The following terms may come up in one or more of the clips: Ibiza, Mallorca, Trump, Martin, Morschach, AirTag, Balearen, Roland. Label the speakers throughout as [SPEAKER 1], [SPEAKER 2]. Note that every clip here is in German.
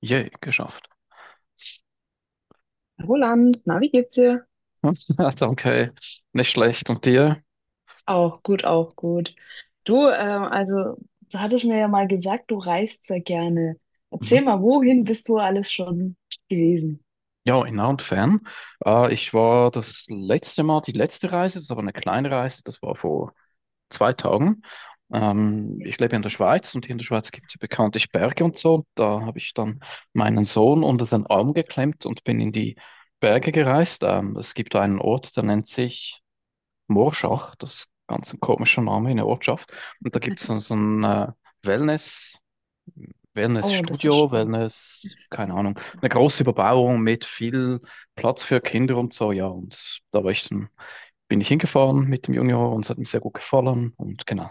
[SPEAKER 1] Yay, geschafft.
[SPEAKER 2] Roland, na, wie geht's dir?
[SPEAKER 1] Danke, nicht schlecht. Und dir?
[SPEAKER 2] Auch gut, auch gut. Du, also, du hattest mir ja mal gesagt, du reist sehr gerne.
[SPEAKER 1] Mhm.
[SPEAKER 2] Erzähl mal, wohin bist du alles schon gewesen?
[SPEAKER 1] Ja, in nah und fern. Ich war das letzte Mal, die letzte Reise, das ist aber eine kleine Reise, das war vor 2 Tagen. Ich lebe in der Schweiz und hier in der Schweiz gibt es ja bekanntlich Berge und so. Da habe ich dann meinen Sohn unter seinen Arm geklemmt und bin in die Berge gereist. Es gibt einen Ort, der nennt sich Morschach, das ist ganz ein komischer Name in der Ortschaft. Und da gibt es so ein Wellness-
[SPEAKER 2] Oh, das ist
[SPEAKER 1] Wellnessstudio,
[SPEAKER 2] schön.
[SPEAKER 1] Wellness, keine Ahnung, eine große Überbauung mit viel Platz für Kinder und so, ja. Und da war ich dann, bin ich hingefahren mit dem Junior und es hat mir sehr gut gefallen. Und genau,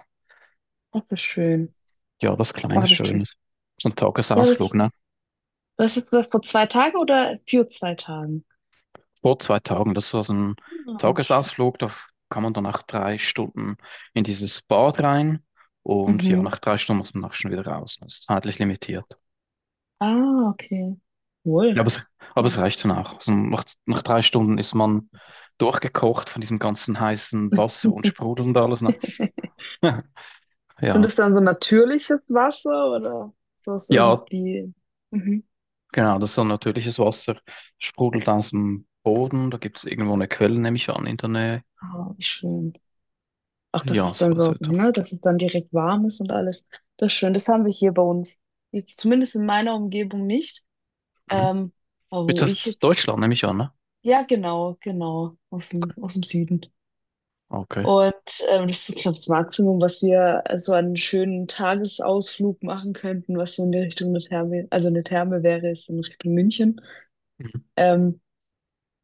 [SPEAKER 2] Das ist schön.
[SPEAKER 1] ja, was
[SPEAKER 2] Oh,
[SPEAKER 1] Kleines,
[SPEAKER 2] das ist schön.
[SPEAKER 1] Schönes. So ein
[SPEAKER 2] Ja, das,
[SPEAKER 1] Tagesausflug, ne?
[SPEAKER 2] das ist das vor 2 Tagen oder für 2 Tagen?
[SPEAKER 1] Vor zwei Tagen, das war so ein
[SPEAKER 2] Ah, schön.
[SPEAKER 1] Tagesausflug, da kann man dann nach 3 Stunden in dieses Bad rein und ja,
[SPEAKER 2] Mhm.
[SPEAKER 1] nach 3 Stunden muss man auch schon wieder raus. Das ist zeitlich limitiert.
[SPEAKER 2] Ah, okay.
[SPEAKER 1] Ja,
[SPEAKER 2] Wohl.
[SPEAKER 1] aber
[SPEAKER 2] Ja.
[SPEAKER 1] es reicht dann auch. Also nach 3 Stunden ist man durchgekocht von diesem ganzen heißen Wasser und Sprudel und alles. Ne?
[SPEAKER 2] Sind
[SPEAKER 1] Ja,
[SPEAKER 2] das dann so natürliches Wasser oder ist das
[SPEAKER 1] ja,
[SPEAKER 2] irgendwie? Mhm.
[SPEAKER 1] genau. Das ist so natürliches Wasser. Sprudelt aus dem Boden. Da gibt es irgendwo eine Quelle, nehme ich an, in der Nähe.
[SPEAKER 2] Ah, wie schön. Auch dass
[SPEAKER 1] Ja,
[SPEAKER 2] es
[SPEAKER 1] so
[SPEAKER 2] dann
[SPEAKER 1] was
[SPEAKER 2] so,
[SPEAKER 1] etwa.
[SPEAKER 2] ne, dass es dann direkt warm ist und alles. Das ist schön. Das haben wir hier bei uns. Jetzt zumindest in meiner Umgebung nicht.
[SPEAKER 1] Mhm.
[SPEAKER 2] Ähm, aber
[SPEAKER 1] Jetzt
[SPEAKER 2] wo ich
[SPEAKER 1] das
[SPEAKER 2] jetzt,
[SPEAKER 1] Deutschland, nehme ich an, ne?
[SPEAKER 2] ja, genau, genau, aus dem Süden.
[SPEAKER 1] Okay.
[SPEAKER 2] Und das ist, glaube ich, das Maximum, was wir so einen schönen Tagesausflug machen könnten, was so in die Richtung der Therme, also eine Therme wäre, ist in Richtung München.
[SPEAKER 1] Mhm.
[SPEAKER 2] Ähm,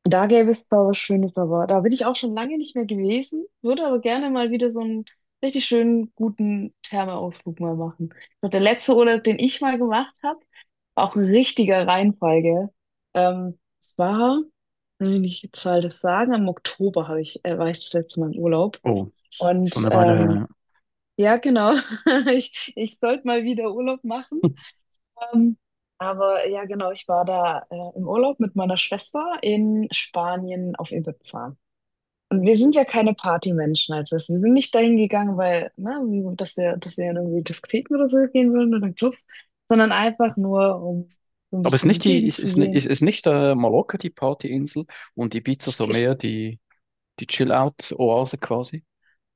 [SPEAKER 2] Da gäbe es zwar was Schönes, aber da bin ich auch schon lange nicht mehr gewesen, würde aber gerne mal wieder so einen richtig schönen, guten Thermeausflug mal machen. Ich glaub, der letzte Urlaub, den ich mal gemacht habe, war auch ein richtiger Reinfall, gell? Es war, wenn ich die Zahl das sagen, im Oktober war ich das letzte Mal im Urlaub.
[SPEAKER 1] Oh, schon
[SPEAKER 2] Und
[SPEAKER 1] eine Weile her.
[SPEAKER 2] ja, genau, ich sollte mal wieder Urlaub machen.
[SPEAKER 1] Ja.
[SPEAKER 2] Ähm, aber ja, genau, ich war da im Urlaub mit meiner Schwester in Spanien auf Ibiza. Und wir sind ja keine Partymenschen als das. Wir sind nicht dahin gegangen, weil, ne, dass wir in irgendwie Diskotheken oder so gehen würden oder Clubs, sondern einfach nur, um so ein
[SPEAKER 1] Aber ist
[SPEAKER 2] bisschen die
[SPEAKER 1] nicht die,
[SPEAKER 2] Gegend zu sehen.
[SPEAKER 1] ist nicht Mallorca die Partyinsel und Ibiza
[SPEAKER 2] Es
[SPEAKER 1] so
[SPEAKER 2] ist
[SPEAKER 1] mehr die Chill-Out-Oase quasi?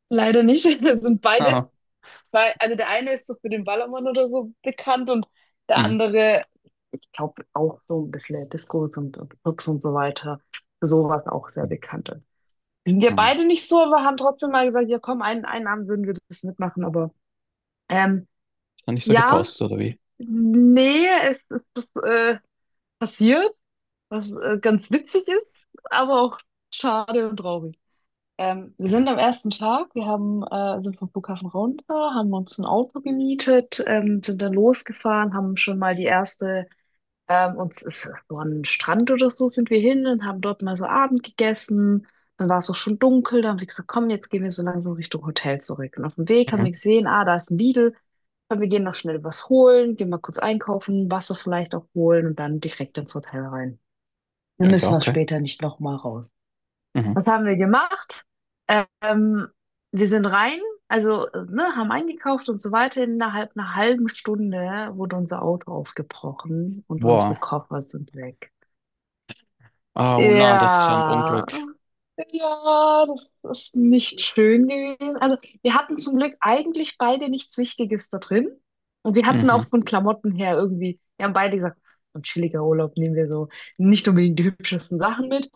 [SPEAKER 2] leider nicht. Wir sind beide,
[SPEAKER 1] Haha.
[SPEAKER 2] also der eine ist so für den Ballermann oder so bekannt und der
[SPEAKER 1] Mhm.
[SPEAKER 2] andere, ich glaube, auch so ein bisschen Discos und Clubs und so weiter, für sowas auch sehr
[SPEAKER 1] Mhm.
[SPEAKER 2] bekannt. Wir sind ja
[SPEAKER 1] Mhm.
[SPEAKER 2] beide nicht so, aber haben trotzdem mal gesagt, ja komm, einen, einen Abend würden wir das mitmachen, aber ähm,
[SPEAKER 1] Hat nicht so
[SPEAKER 2] ja.
[SPEAKER 1] gepasst, oder wie?
[SPEAKER 2] Nee, es ist passiert, was ganz witzig ist, aber auch schade und traurig. Wir
[SPEAKER 1] Mhm.
[SPEAKER 2] sind am ersten Tag, wir haben, sind vom Flughafen runter, haben uns ein Auto gemietet, sind dann losgefahren, haben schon mal die erste und es ist so an den Strand oder so sind wir hin und haben dort mal so Abend gegessen. Dann war es auch schon dunkel. Dann haben wir gesagt, komm, jetzt gehen wir so langsam Richtung Hotel zurück. Und auf dem Weg haben
[SPEAKER 1] Mhm.
[SPEAKER 2] wir gesehen, ah, da ist ein Lidl. Komm, wir gehen noch schnell was holen, gehen mal kurz einkaufen, Wasser vielleicht auch holen und dann direkt ins Hotel rein.
[SPEAKER 1] Ja,
[SPEAKER 2] Dann
[SPEAKER 1] und ja,
[SPEAKER 2] müssen wir
[SPEAKER 1] okay.
[SPEAKER 2] später nicht nochmal raus.
[SPEAKER 1] Mhm.
[SPEAKER 2] Was haben wir gemacht? Ähm, wir sind rein, also ne, haben eingekauft und so weiter. Innerhalb einer halben Stunde wurde unser Auto aufgebrochen und unsere
[SPEAKER 1] Wow.
[SPEAKER 2] Koffer sind weg.
[SPEAKER 1] Ah, oh nein, das ist ja ein
[SPEAKER 2] Ja,
[SPEAKER 1] Unglück.
[SPEAKER 2] ja, das ist nicht schön gewesen. Also, wir hatten zum Glück eigentlich beide nichts Wichtiges da drin. Und wir hatten
[SPEAKER 1] Mhm.
[SPEAKER 2] auch von Klamotten her irgendwie, wir haben beide gesagt, so ein chilliger Urlaub nehmen wir so nicht unbedingt die hübschesten Sachen mit.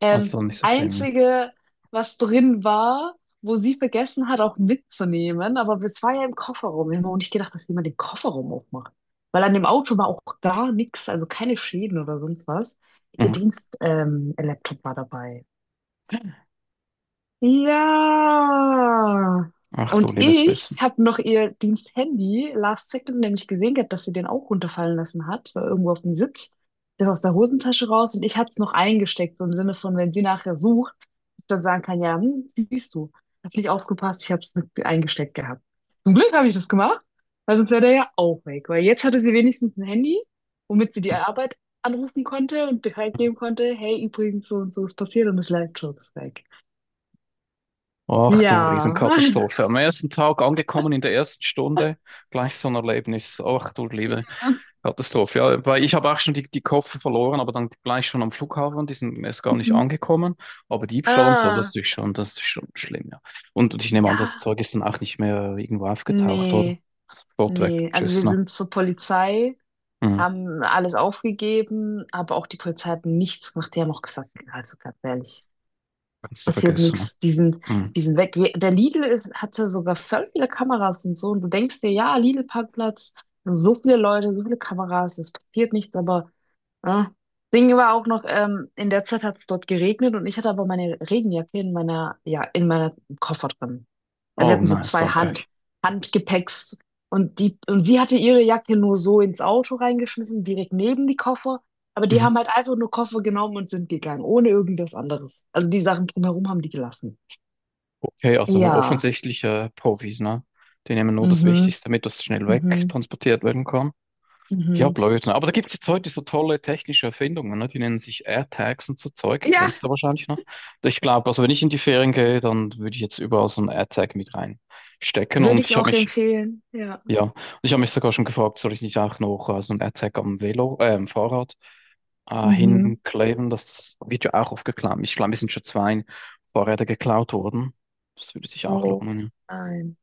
[SPEAKER 1] Also nicht so schlimm, ja.
[SPEAKER 2] Einzige, was drin war, wo sie vergessen hat, auch mitzunehmen, aber es war ja im Kofferraum. Wir haben auch nicht gedacht, dass jemand den Kofferraum aufmacht. Weil an dem Auto war auch gar nichts, also keine Schäden oder sonst was. Ihr
[SPEAKER 1] Mhm.
[SPEAKER 2] Dienst, Laptop war dabei. Ja.
[SPEAKER 1] Ach du
[SPEAKER 2] Und
[SPEAKER 1] liebes
[SPEAKER 2] ich
[SPEAKER 1] Bisschen.
[SPEAKER 2] habe noch ihr Diensthandy last second nämlich gesehen gehabt, dass sie den auch runterfallen lassen hat, war irgendwo auf dem Sitz. Der war aus der Hosentasche raus und ich habe es noch eingesteckt, so im Sinne von, wenn sie nachher sucht, ich dann sagen kann, ja, hm, siehst du, hab nicht aufgepasst, ich habe es mit eingesteckt gehabt. Zum Glück habe ich das gemacht, weil sonst wäre der ja auch weg, weil jetzt hatte sie wenigstens ein Handy, womit sie die Arbeit anrufen konnte und Bescheid geben konnte, hey, übrigens, so und so ist passiert und das Leitschutz ist weg.
[SPEAKER 1] Ach du
[SPEAKER 2] Ja.
[SPEAKER 1] Riesenkatastrophe. Am ersten Tag angekommen in der ersten Stunde, gleich so ein Erlebnis. Ach du liebe Katastrophe. Ja, weil ich habe auch schon die Koffer verloren, aber dann gleich schon am Flughafen, die sind erst gar nicht
[SPEAKER 2] Mhm.
[SPEAKER 1] angekommen. Aber Diebstahl und so, das ist
[SPEAKER 2] Ah,
[SPEAKER 1] natürlich schon, das ist schon schlimm, ja. Und ich nehme an, das
[SPEAKER 2] ja.
[SPEAKER 1] Zeug ist dann auch nicht mehr irgendwo aufgetaucht, oder?
[SPEAKER 2] Nee,
[SPEAKER 1] Sofort weg.
[SPEAKER 2] nee. Also
[SPEAKER 1] Tschüss,
[SPEAKER 2] wir
[SPEAKER 1] ne?
[SPEAKER 2] sind zur Polizei,
[SPEAKER 1] Mhm.
[SPEAKER 2] haben alles aufgegeben, aber auch die Polizei hat nichts gemacht. Die haben auch gesagt, also ganz ehrlich,
[SPEAKER 1] Kannst du
[SPEAKER 2] passiert
[SPEAKER 1] vergessen, ne?
[SPEAKER 2] nichts. Die sind,
[SPEAKER 1] Mhm.
[SPEAKER 2] die sind weg. Wir, der Lidl ist, hat ja sogar voll viele Kameras und so. Und du denkst dir, ja, Lidl-Parkplatz, so viele Leute, so viele Kameras, es passiert nichts, aber ah, Ding war auch noch, in der Zeit hat es dort geregnet und ich hatte aber meine Regenjacke in meiner, ja, in meiner Koffer drin. Also wir
[SPEAKER 1] Oh
[SPEAKER 2] hatten so
[SPEAKER 1] nein, so
[SPEAKER 2] zwei
[SPEAKER 1] ein Pech.
[SPEAKER 2] Handgepäcks und die, und sie hatte ihre Jacke nur so ins Auto reingeschmissen, direkt neben die Koffer. Aber die
[SPEAKER 1] Mhm.
[SPEAKER 2] haben halt einfach nur Koffer genommen und sind gegangen, ohne irgendwas anderes. Also die Sachen drumherum haben die gelassen.
[SPEAKER 1] Okay, also ein
[SPEAKER 2] Ja.
[SPEAKER 1] offensichtlicher Profis, ne? Die nehmen nur das
[SPEAKER 2] Mhm.
[SPEAKER 1] Wichtigste mit, das schnell
[SPEAKER 2] Mhm.
[SPEAKER 1] wegtransportiert werden kann. Ja,
[SPEAKER 2] Mhm.
[SPEAKER 1] blöd, ne? Aber da gibt es jetzt heute so tolle technische Erfindungen, ne? Die nennen sich AirTags und so Zeug.
[SPEAKER 2] Ja.
[SPEAKER 1] Kennst du wahrscheinlich noch? Ich glaube, also wenn ich in die Ferien gehe, dann würde ich jetzt überall so einen AirTag mit reinstecken.
[SPEAKER 2] Würde ich auch empfehlen. Ja.
[SPEAKER 1] Ja, und ich habe mich sogar schon gefragt, soll ich nicht auch noch so einen AirTag am Velo, am Fahrrad
[SPEAKER 2] Mhm.
[SPEAKER 1] hinkleben? Das wird ja auch oft geklaut. Ich glaube, es sind schon zwei Fahrräder geklaut worden. Das würde sich auch
[SPEAKER 2] Oh
[SPEAKER 1] lohnen, ja.
[SPEAKER 2] nein.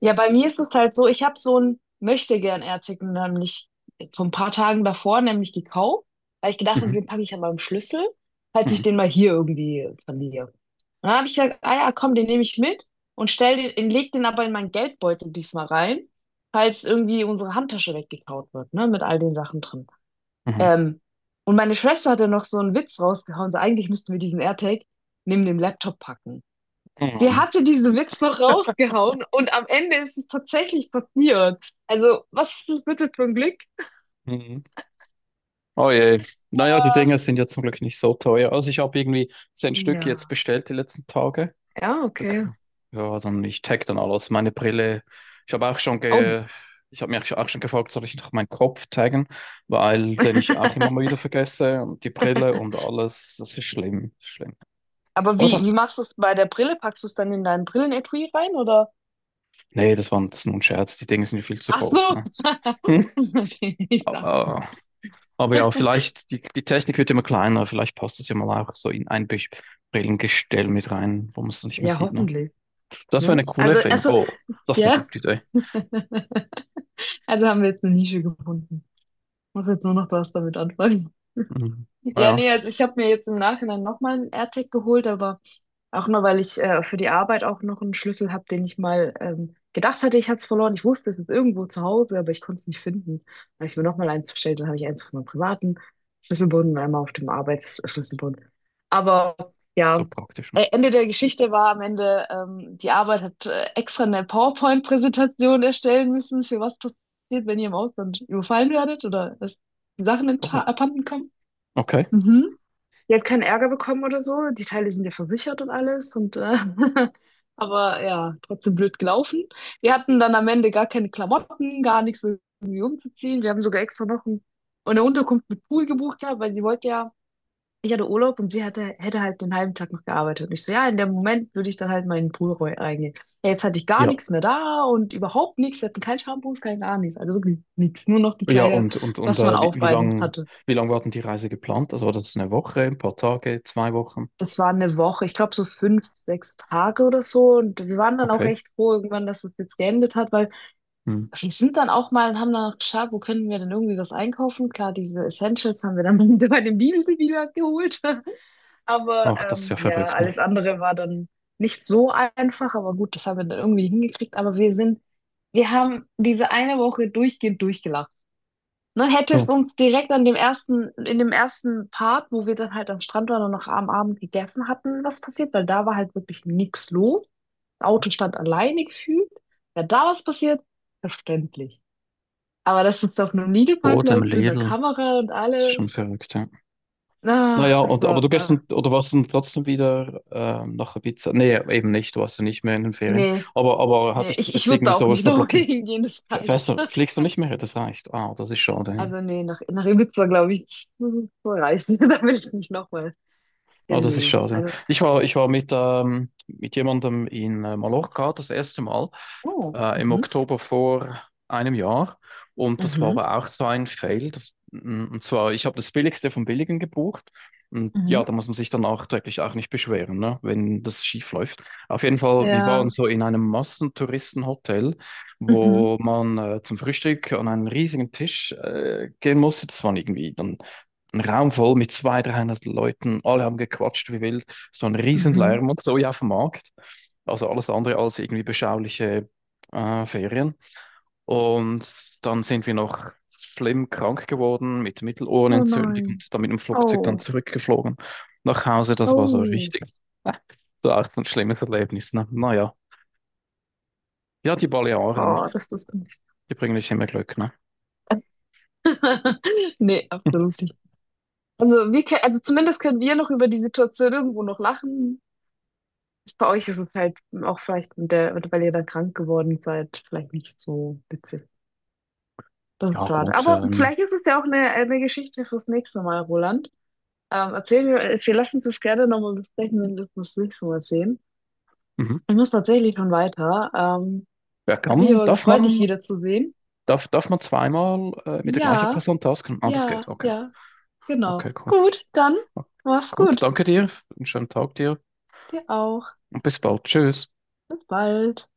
[SPEAKER 2] Ja, bei mir ist es halt so, ich habe so ein Möchtegern-Artikel nämlich vor ein paar Tagen davor nämlich gekauft, weil ich gedacht habe,
[SPEAKER 1] Mhm,
[SPEAKER 2] den packe ich an meinem Schlüssel, falls ich
[SPEAKER 1] mhm,
[SPEAKER 2] den mal hier irgendwie verliere. Und dann habe ich gesagt, ah ja, komm, den nehme ich mit und stell den, leg den aber in meinen Geldbeutel diesmal rein, falls irgendwie unsere Handtasche weggekaut wird, ne, mit all den Sachen drin.
[SPEAKER 1] mhm,
[SPEAKER 2] Ähm, und meine Schwester hat dann noch so einen Witz rausgehauen, so eigentlich müssten wir diesen AirTag neben dem Laptop packen. Die
[SPEAKER 1] mhm,
[SPEAKER 2] hatte diesen Witz noch rausgehauen und am Ende ist es tatsächlich passiert. Also, was ist das bitte für ein Glück?
[SPEAKER 1] mhm. Oh je. Naja, die Dinger sind ja zum Glück nicht so teuer. Also ich habe irgendwie 10 Stück jetzt
[SPEAKER 2] Ja.
[SPEAKER 1] bestellt die letzten Tage.
[SPEAKER 2] Ja,
[SPEAKER 1] Da
[SPEAKER 2] okay.
[SPEAKER 1] ja, dann ich tag dann alles. Meine Brille. Ich habe auch schon
[SPEAKER 2] Oh.
[SPEAKER 1] ge Ich habe mich auch schon gefragt, soll ich noch meinen Kopf taggen, weil den ich auch immer mal wieder vergesse und die Brille und alles, das ist schlimm, das ist schlimm.
[SPEAKER 2] Aber
[SPEAKER 1] Aber
[SPEAKER 2] wie,
[SPEAKER 1] sag,
[SPEAKER 2] wie machst du es bei der Brille? Packst du es dann in deinen Brillenetui rein oder?
[SPEAKER 1] nee, das ist nur ein Scherz, die Dinge sind ja viel zu
[SPEAKER 2] Ach
[SPEAKER 1] groß,
[SPEAKER 2] so.
[SPEAKER 1] ne?
[SPEAKER 2] Ich sag
[SPEAKER 1] Aber ja, vielleicht, die Technik wird immer kleiner, vielleicht passt es ja mal auch so in ein Brillengestell mit rein, wo man es nicht mehr
[SPEAKER 2] ja,
[SPEAKER 1] sieht, ne?
[SPEAKER 2] hoffentlich.
[SPEAKER 1] Das wäre
[SPEAKER 2] Ne?
[SPEAKER 1] eine coole Erfindung.
[SPEAKER 2] Also,
[SPEAKER 1] Oh, das ist eine
[SPEAKER 2] ja.
[SPEAKER 1] gute Idee.
[SPEAKER 2] Also haben wir jetzt eine Nische gefunden. Muss jetzt nur noch was damit anfangen.
[SPEAKER 1] Mhm. Ah,
[SPEAKER 2] Ja, nee,
[SPEAKER 1] ja,
[SPEAKER 2] also ich habe mir jetzt im Nachhinein nochmal einen AirTag geholt, aber auch nur, weil ich für die Arbeit auch noch einen Schlüssel habe, den ich mal gedacht hatte, ich hatte es verloren. Ich wusste, es ist irgendwo zu Hause, aber ich konnte es nicht finden. Dann habe ich mir nochmal eins bestellt, dann habe ich eins von meinem privaten Schlüsselbund und einmal auf dem Arbeitsschlüsselbund. Aber
[SPEAKER 1] so
[SPEAKER 2] ja,
[SPEAKER 1] praktisch, ne?
[SPEAKER 2] Ende der Geschichte war am Ende, die Arbeit hat extra eine PowerPoint-Präsentation erstellen müssen, für was passiert, wenn ihr im Ausland überfallen werdet oder dass die Sachen
[SPEAKER 1] Oh,
[SPEAKER 2] abhanden kommen.
[SPEAKER 1] okay.
[SPEAKER 2] Mhm. Die hat keinen Ärger bekommen oder so. Die Teile sind ja versichert und alles. Und, aber ja, trotzdem blöd gelaufen. Wir hatten dann am Ende gar keine Klamotten, gar nichts irgendwie umzuziehen. Wir haben sogar extra noch eine Unterkunft mit Pool gebucht gehabt, weil sie wollte ja, ich hatte Urlaub und sie hatte, hätte halt den halben Tag noch gearbeitet. Und ich so, ja, in dem Moment würde ich dann halt mal in den Pool reingehen. Ja, jetzt hatte ich gar
[SPEAKER 1] Ja,
[SPEAKER 2] nichts mehr da und überhaupt nichts. Wir hatten kein Shampoos, kein gar nichts. Also wirklich nichts. Nur noch die
[SPEAKER 1] ja,
[SPEAKER 2] Kleider,
[SPEAKER 1] und
[SPEAKER 2] was man auf beiden hatte.
[SPEAKER 1] wie lang war denn die Reise geplant? Also war das eine Woche, ein paar Tage, 2 Wochen?
[SPEAKER 2] Das war eine Woche, ich glaube so 5, 6 Tage oder so. Und wir waren dann auch
[SPEAKER 1] Okay.
[SPEAKER 2] recht froh irgendwann, dass es jetzt geendet hat, weil
[SPEAKER 1] Hm.
[SPEAKER 2] wir sind dann auch mal und haben dann auch geschaut, wo können wir denn irgendwie was einkaufen. Klar, diese Essentials haben wir dann bei dem Lidl wieder geholt. Aber
[SPEAKER 1] Ach, das ist ja
[SPEAKER 2] ja,
[SPEAKER 1] verrückt, ne?
[SPEAKER 2] alles andere war dann nicht so einfach. Aber gut, das haben wir dann irgendwie hingekriegt. Aber wir sind, wir haben diese eine Woche durchgehend durchgelacht. Ne, hätte es
[SPEAKER 1] So,
[SPEAKER 2] uns direkt an dem ersten, in dem ersten Part, wo wir dann halt am Strand waren und noch am Abend gegessen hatten, was passiert, weil da war halt wirklich nichts los. Das Auto stand alleine gefühlt. Wäre da was passiert, verständlich. Aber das ist auf einem
[SPEAKER 1] Boden,
[SPEAKER 2] Liegeparkplatz mit einer
[SPEAKER 1] Lidl,
[SPEAKER 2] Kamera und
[SPEAKER 1] das ist schon
[SPEAKER 2] alles.
[SPEAKER 1] verrückt, ja.
[SPEAKER 2] Ach,
[SPEAKER 1] Naja,
[SPEAKER 2] das
[SPEAKER 1] und, aber du gehst dann,
[SPEAKER 2] war.
[SPEAKER 1] oder warst dann trotzdem wieder nach Ibiza? Nee, eben nicht, du warst ja nicht mehr in den Ferien.
[SPEAKER 2] Nee,
[SPEAKER 1] Aber hatte
[SPEAKER 2] nee,
[SPEAKER 1] ich
[SPEAKER 2] ich,
[SPEAKER 1] das
[SPEAKER 2] ich
[SPEAKER 1] jetzt
[SPEAKER 2] würde da
[SPEAKER 1] irgendwie
[SPEAKER 2] auch nicht
[SPEAKER 1] so,
[SPEAKER 2] nochmal
[SPEAKER 1] blockiert?
[SPEAKER 2] hingehen, das
[SPEAKER 1] Fährst
[SPEAKER 2] reicht.
[SPEAKER 1] du, fliegst du nicht mehr? Das reicht. Ah, das ist schade.
[SPEAKER 2] Also nee, nach, nach Ibiza, glaube ich, das reicht. Da will ich nicht nochmal
[SPEAKER 1] Ah,
[SPEAKER 2] hin.
[SPEAKER 1] das ist
[SPEAKER 2] Nee.
[SPEAKER 1] schade. Ja.
[SPEAKER 2] Also.
[SPEAKER 1] Ich war mit jemandem in Mallorca das erste Mal
[SPEAKER 2] Oh.
[SPEAKER 1] im
[SPEAKER 2] Mhm.
[SPEAKER 1] Oktober vor einem Jahr und das war
[SPEAKER 2] Mhm.
[SPEAKER 1] aber auch so ein Fail. Das- Und zwar, ich habe das Billigste vom Billigen gebucht und ja,
[SPEAKER 2] Mhm.
[SPEAKER 1] da muss man sich dann nachträglich auch nicht beschweren, ne, wenn das schief läuft. Auf jeden Fall, wir
[SPEAKER 2] Ja.
[SPEAKER 1] waren so in einem Massentouristenhotel,
[SPEAKER 2] Mhm.
[SPEAKER 1] wo man zum Frühstück an einen riesigen Tisch gehen musste. Das waren irgendwie dann ein Raum voll mit 200 300 Leuten, alle haben gequatscht wie wild, so ein
[SPEAKER 2] Mhm.
[SPEAKER 1] Riesenlärm und so ja auf dem Markt. Also alles andere als irgendwie beschauliche Ferien. Und dann sind wir noch schlimm krank geworden mit
[SPEAKER 2] Oh
[SPEAKER 1] Mittelohrenentzündung
[SPEAKER 2] nein.
[SPEAKER 1] und dann mit dem Flugzeug dann
[SPEAKER 2] Oh.
[SPEAKER 1] zurückgeflogen nach Hause. Das war so
[SPEAKER 2] Oh.
[SPEAKER 1] richtig, äh, so auch ein schlimmes Erlebnis. Ne? Naja, ja, ja, die Balearen,
[SPEAKER 2] Oh, das ist nicht.
[SPEAKER 1] die bringen nicht immer Glück. Ne?
[SPEAKER 2] Nee, absolut nicht. Also wir können, also zumindest können wir noch über die Situation irgendwo noch lachen. Bei euch ist es halt auch vielleicht mit der, weil ihr dann krank geworden seid, vielleicht nicht so witzig. Das
[SPEAKER 1] Ja,
[SPEAKER 2] ist schade.
[SPEAKER 1] gut.
[SPEAKER 2] Aber vielleicht ist es ja auch eine Geschichte fürs nächste Mal, Roland. Erzähl mir, wir lassen uns das gerne nochmal besprechen, wenn wir das nächste Mal sehen.
[SPEAKER 1] Mhm.
[SPEAKER 2] Ich muss tatsächlich schon weiter.
[SPEAKER 1] Wer
[SPEAKER 2] Hat mich
[SPEAKER 1] kann,
[SPEAKER 2] aber
[SPEAKER 1] darf
[SPEAKER 2] gefreut, dich
[SPEAKER 1] man
[SPEAKER 2] wiederzusehen.
[SPEAKER 1] Darf, darf man zweimal mit der gleichen
[SPEAKER 2] Ja,
[SPEAKER 1] Person tasken? Ah, das geht.
[SPEAKER 2] ja,
[SPEAKER 1] Okay.
[SPEAKER 2] ja, genau.
[SPEAKER 1] Okay, cool.
[SPEAKER 2] Gut, dann mach's
[SPEAKER 1] Gut,
[SPEAKER 2] gut.
[SPEAKER 1] danke dir. Einen schönen Tag dir
[SPEAKER 2] Dir auch.
[SPEAKER 1] und bis bald. Tschüss.
[SPEAKER 2] Bis bald.